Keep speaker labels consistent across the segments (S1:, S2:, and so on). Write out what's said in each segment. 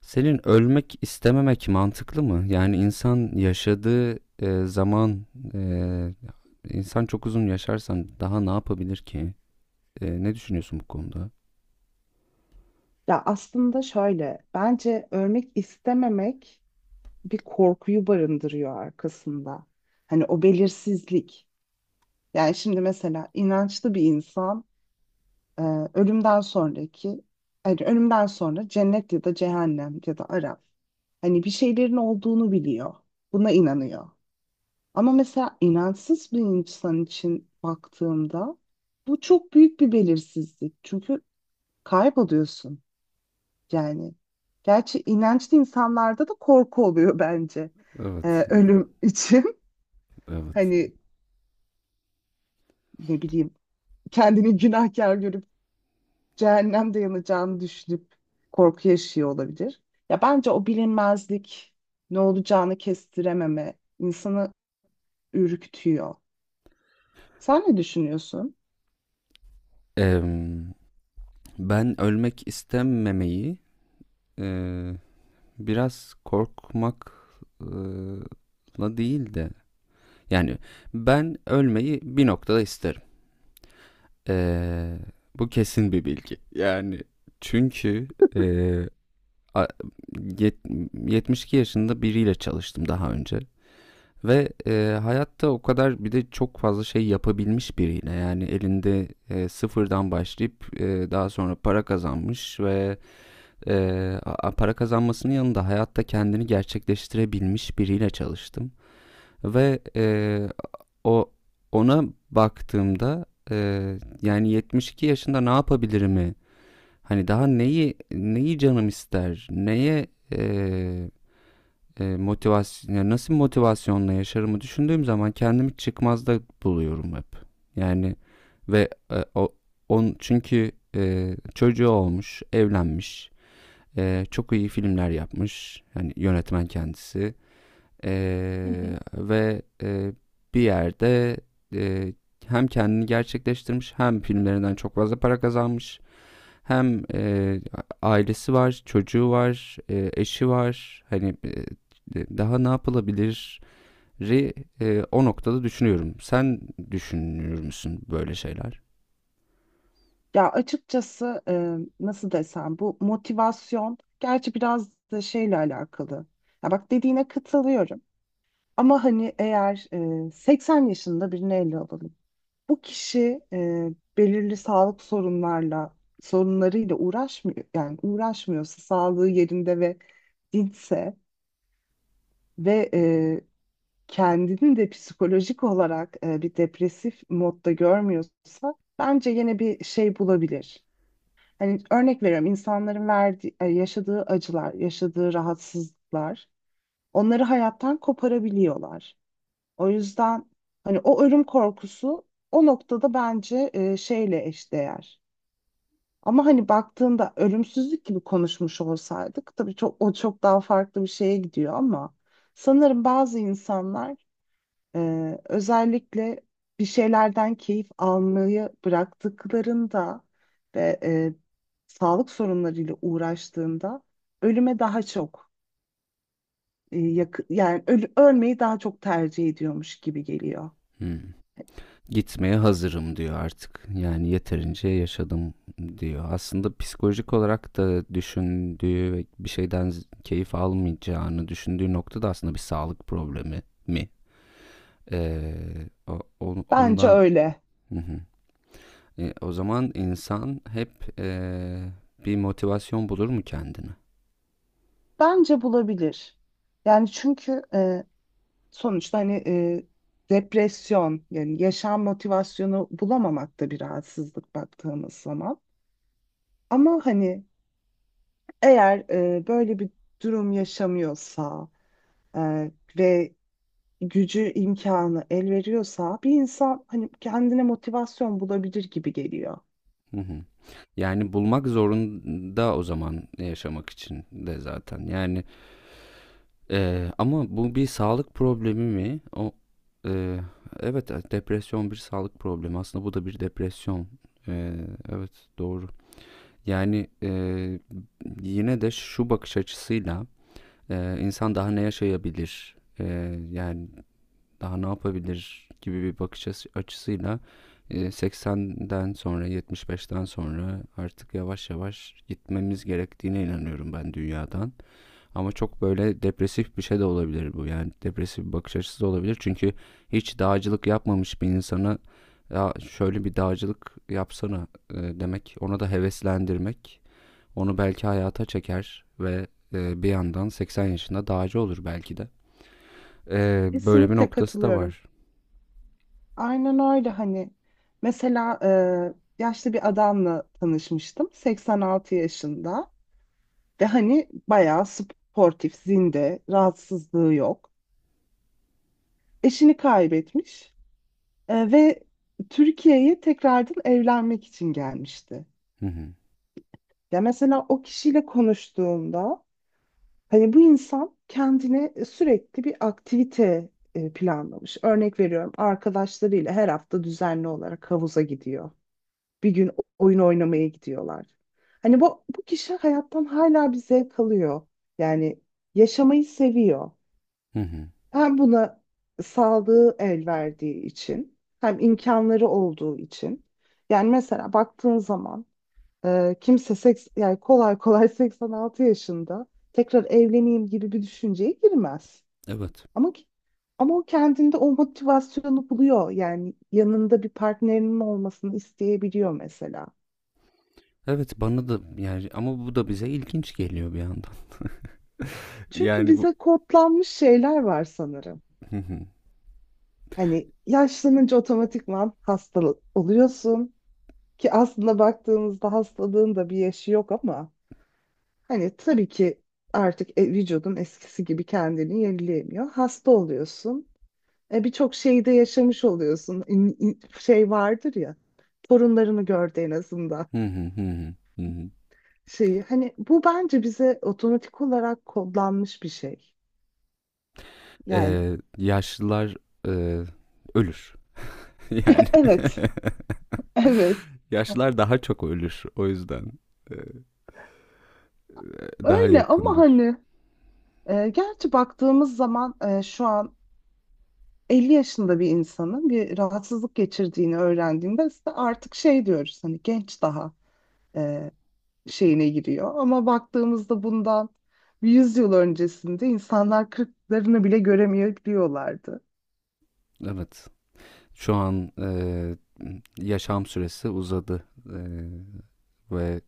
S1: Senin ölmek istememek mantıklı mı? Yani insan yaşadığı zaman e, insan çok uzun yaşarsan daha ne yapabilir ki? Ne düşünüyorsun bu konuda?
S2: Ya aslında şöyle, bence örmek istememek bir korkuyu barındırıyor arkasında. Hani o belirsizlik. Yani şimdi mesela inançlı bir insan e, ölümden sonraki, hani ölümden sonra cennet ya da cehennem ya da Araf. Hani bir şeylerin olduğunu biliyor. Buna inanıyor. Ama mesela inançsız bir insan için baktığımda bu çok büyük bir belirsizlik. Çünkü kayboluyorsun. Yani gerçi inançlı insanlarda da korku oluyor bence
S1: Evet,
S2: ölüm için.
S1: evet.
S2: Hani ne bileyim kendini günahkar görüp cehennemde yanacağını düşünüp korku yaşıyor olabilir. Ya bence o bilinmezlik ne olacağını kestirememe insanı ürkütüyor. Sen ne düşünüyorsun?
S1: Em, Ben ölmek istememeyi e, biraz korkmakla değil de yani ben ölmeyi bir noktada isterim. E, Bu kesin bir bilgi. Yani çünkü e, a- yet- 72 yaşında biriyle çalıştım daha önce. Ve hayatta o kadar bir de çok fazla şey yapabilmiş biriyle yani elinde sıfırdan başlayıp daha sonra para kazanmış ve e, para kazanmasının yanında hayatta kendini gerçekleştirebilmiş biriyle çalıştım. Ve o ona baktığımda e, yani 72 yaşında ne yapabilirim mi, hani daha neyi neyi canım ister neye e, motivasyon, ya nasıl motivasyonla yaşarımı düşündüğüm zaman kendimi çıkmazda buluyorum hep. Yani ve o on çünkü çocuğu olmuş, evlenmiş, çok iyi filmler yapmış. Yani yönetmen kendisi. E,
S2: Hı hı.
S1: Ve bir yerde e, hem kendini gerçekleştirmiş, hem filmlerinden çok fazla para kazanmış, hem, ailesi var, çocuğu var, eşi var. Hani, daha ne yapılabilir? O noktada düşünüyorum. Sen düşünür müsün böyle şeyler?
S2: Ya açıkçası nasıl desem bu motivasyon gerçi biraz da şeyle alakalı. Ya bak dediğine katılıyorum. Ama hani eğer 80 yaşında birini ele alalım. Bu kişi belirli sağlık sorunlarıyla uğraşmıyor yani uğraşmıyorsa sağlığı yerinde ve dinçse ve kendini de psikolojik olarak bir depresif modda görmüyorsa bence yine bir şey bulabilir. Hani örnek veriyorum insanların verdiği, yaşadığı acılar, yaşadığı rahatsızlıklar onları hayattan koparabiliyorlar. O yüzden hani o ölüm korkusu o noktada bence şeyle eşdeğer. Ama hani baktığında ölümsüzlük gibi konuşmuş olsaydık tabii çok o çok daha farklı bir şeye gidiyor ama sanırım bazı insanlar özellikle bir şeylerden keyif almayı bıraktıklarında ve sağlık sorunlarıyla uğraştığında ölüme daha çok ölmeyi daha çok tercih ediyormuş gibi geliyor.
S1: Hımm. Gitmeye hazırım diyor artık. Yani yeterince yaşadım diyor. Aslında psikolojik olarak da düşündüğü ve bir şeyden keyif almayacağını düşündüğü nokta da aslında bir sağlık problemi mi? O
S2: Bence
S1: ondan.
S2: öyle.
S1: Hı hı. O zaman insan hep e, bir motivasyon bulur mu kendine?
S2: Bence bulabilir. Yani çünkü sonuçta hani depresyon yani yaşam motivasyonu bulamamak da bir rahatsızlık baktığımız zaman. Ama hani eğer böyle bir durum yaşamıyorsa e, ve gücü imkanı el veriyorsa bir insan hani kendine motivasyon bulabilir gibi geliyor.
S1: Hı hı. Yani bulmak zorunda o zaman, yaşamak için de zaten. Yani ama bu bir sağlık problemi mi? O e, evet, depresyon bir sağlık problemi. Aslında bu da bir depresyon. E, evet, doğru. Yani yine de şu bakış açısıyla insan daha ne yaşayabilir? Yani daha ne yapabilir gibi bir bakış açısıyla 80'den sonra, 75'ten sonra artık yavaş yavaş gitmemiz gerektiğine inanıyorum ben dünyadan. Ama çok böyle depresif bir şey de olabilir bu. Yani depresif bir bakış açısı da olabilir. Çünkü hiç dağcılık yapmamış bir insana ya şöyle bir dağcılık yapsana demek, ona da heveslendirmek, onu belki hayata çeker ve bir yandan 80 yaşında dağcı olur belki de. Böyle bir
S2: Kesinlikle
S1: noktası da
S2: katılıyorum.
S1: var.
S2: Aynen öyle hani. Mesela yaşlı bir adamla tanışmıştım. 86 yaşında ve hani bayağı sportif, zinde, rahatsızlığı yok. Eşini kaybetmiş ve Türkiye'ye tekrardan evlenmek için gelmişti.
S1: Hı hı.
S2: Ya mesela o kişiyle konuştuğumda hani bu insan kendine sürekli bir aktivite planlamış. Örnek veriyorum arkadaşlarıyla her hafta düzenli olarak havuza gidiyor. Bir gün oyun oynamaya gidiyorlar. Hani bu kişi hayattan hala bir zevk alıyor. Yani yaşamayı seviyor.
S1: Hı hı.
S2: Hem buna sağlığı el verdiği için hem imkanları olduğu için. Yani mesela baktığın zaman kimse seks, yani kolay kolay 86 yaşında tekrar evleneyim gibi bir düşünceye girmez.
S1: Evet.
S2: Ama ki- ama o kendinde o motivasyonu buluyor. Yani yanında bir partnerinin olmasını isteyebiliyor mesela.
S1: Evet, bana da, yani ama bu da bize ilginç geliyor bir yandan.
S2: Çünkü
S1: Yani bu.
S2: bize kodlanmış şeyler var sanırım.
S1: Hı hı.
S2: Hani yaşlanınca otomatikman hasta oluyorsun ki aslında baktığımızda hastalığın da bir yaşı yok ama hani tabii ki artık vücudun eskisi gibi kendini yenileyemiyor. Hasta oluyorsun. Birçok şeyi de yaşamış oluyorsun. Şey vardır ya torunlarını gördü en azından
S1: Hı hı, hı hı, hı hı.
S2: şeyi. Hani bu bence bize otomatik olarak kodlanmış bir şey. Yani
S1: Yaşlılar eee, ölür. Yani
S2: evet, evet.
S1: yaşlılar daha çok ölür. O yüzden eee, daha
S2: Öyle ama
S1: yakındır.
S2: hani gerçi baktığımız zaman şu an 50 yaşında bir insanın bir rahatsızlık geçirdiğini öğrendiğinde işte artık şey diyoruz hani genç daha e, şeyine giriyor. Ama baktığımızda bundan 100 yıl öncesinde insanlar kırklarını bile göremeyebiliyorlardı.
S1: Evet. Şu an yaşam süresi uzadı. Eee, Ve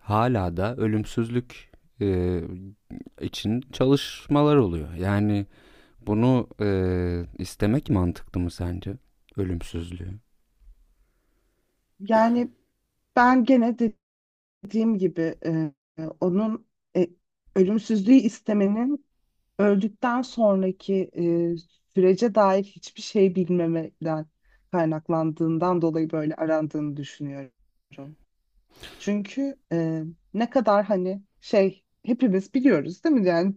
S1: hala da ölümsüzlük eee, için çalışmalar oluyor. Yani bunu istemek mantıklı mı sence? Ölümsüzlüğü.
S2: Yani ben gene dediğim gibi onun e, ölümsüzlüğü istemenin öldükten sonraki e, sürece dair hiçbir şey bilmemeden kaynaklandığından dolayı böyle arandığını düşünüyorum. Çünkü ne kadar hani şey hepimiz biliyoruz değil mi? Yani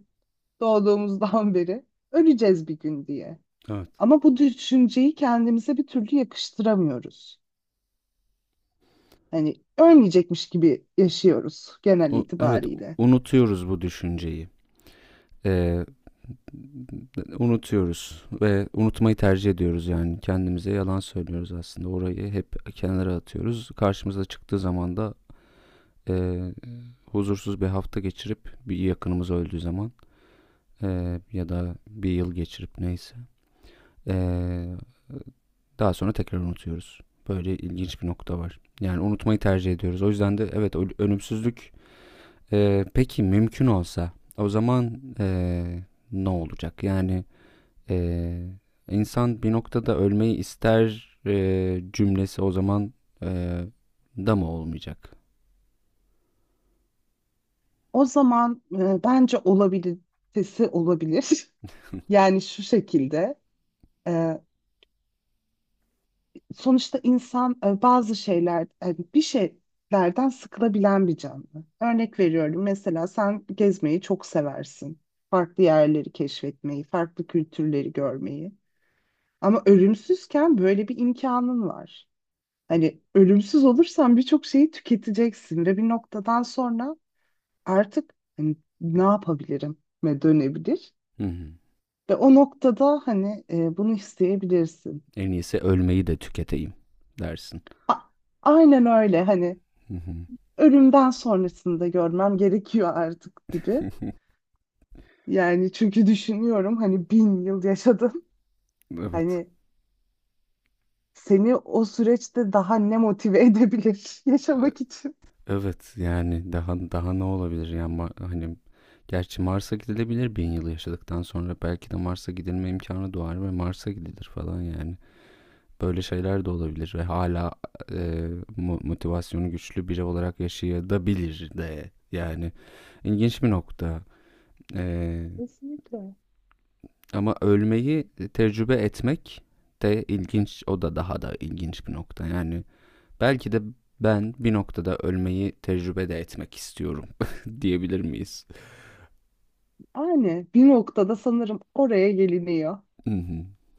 S2: doğduğumuzdan beri öleceğiz bir gün diye.
S1: Evet.
S2: Ama bu düşünceyi kendimize bir türlü yakıştıramıyoruz. Hani ölmeyecekmiş gibi yaşıyoruz genel
S1: O, evet,
S2: itibariyle.
S1: unutuyoruz bu düşünceyi. Eee, Unutuyoruz ve unutmayı tercih ediyoruz, yani kendimize yalan söylüyoruz aslında. Orayı hep kenara atıyoruz. Karşımıza çıktığı zaman da eee, huzursuz bir hafta geçirip, bir yakınımız öldüğü zaman ya da bir yıl geçirip neyse eee, daha sonra tekrar unutuyoruz. Böyle ilginç bir nokta var. Yani unutmayı tercih ediyoruz. O yüzden de evet, ölümsüzlük. Peki, mümkün olsa o zaman ne olacak? Yani ee, insan bir noktada ölmeyi ister cümlesi o zaman ee, da mı olmayacak?
S2: O zaman bence olabilitesi olabilir. Yani şu şekilde. e, Sonuçta insan bazı şeyler hani bir şeylerden sıkılabilen bir canlı. Örnek veriyorum mesela sen gezmeyi çok seversin. Farklı yerleri keşfetmeyi, farklı kültürleri görmeyi. Ama ölümsüzken böyle bir imkanın var. Hani ölümsüz olursan birçok şeyi tüketeceksin ve bir noktadan sonra artık hani, ne yapabilirim ve dönebilir.
S1: Hı hı.
S2: Ve o noktada hani bunu isteyebilirsin.
S1: En iyisi ölmeyi de tüketeyim dersin.
S2: A- aynen öyle hani
S1: Hı hı.
S2: ölümden sonrasını da görmem gerekiyor artık gibi. Yani çünkü düşünüyorum hani 1.000 yıl yaşadın.
S1: Evet.
S2: Hani seni o süreçte daha ne motive edebilir
S1: E,
S2: yaşamak için?
S1: Evet, yani daha ne olabilir, yani hani gerçi Mars'a gidilebilir, bin yıl yaşadıktan sonra belki de Mars'a gidilme imkanı doğar ve Mars'a gidilir falan yani. Böyle şeyler de olabilir ve hala e, motivasyonu güçlü biri olarak yaşayabilir de, yani ilginç bir nokta. E,
S2: Kesinlikle.
S1: Ama ölmeyi tecrübe etmek de ilginç, o da daha da ilginç bir nokta yani. Belki de ben bir noktada ölmeyi tecrübe de etmek istiyorum, diyebilir miyiz?
S2: Yani bir noktada sanırım oraya geliniyor.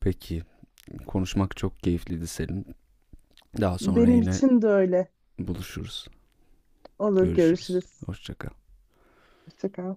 S1: Peki, konuşmak çok keyifliydi senin. Daha sonra
S2: Benim
S1: yine
S2: için de öyle.
S1: buluşuruz.
S2: Olur,
S1: Görüşürüz.
S2: görüşürüz.
S1: Hoşçakal.
S2: Hoşça kal.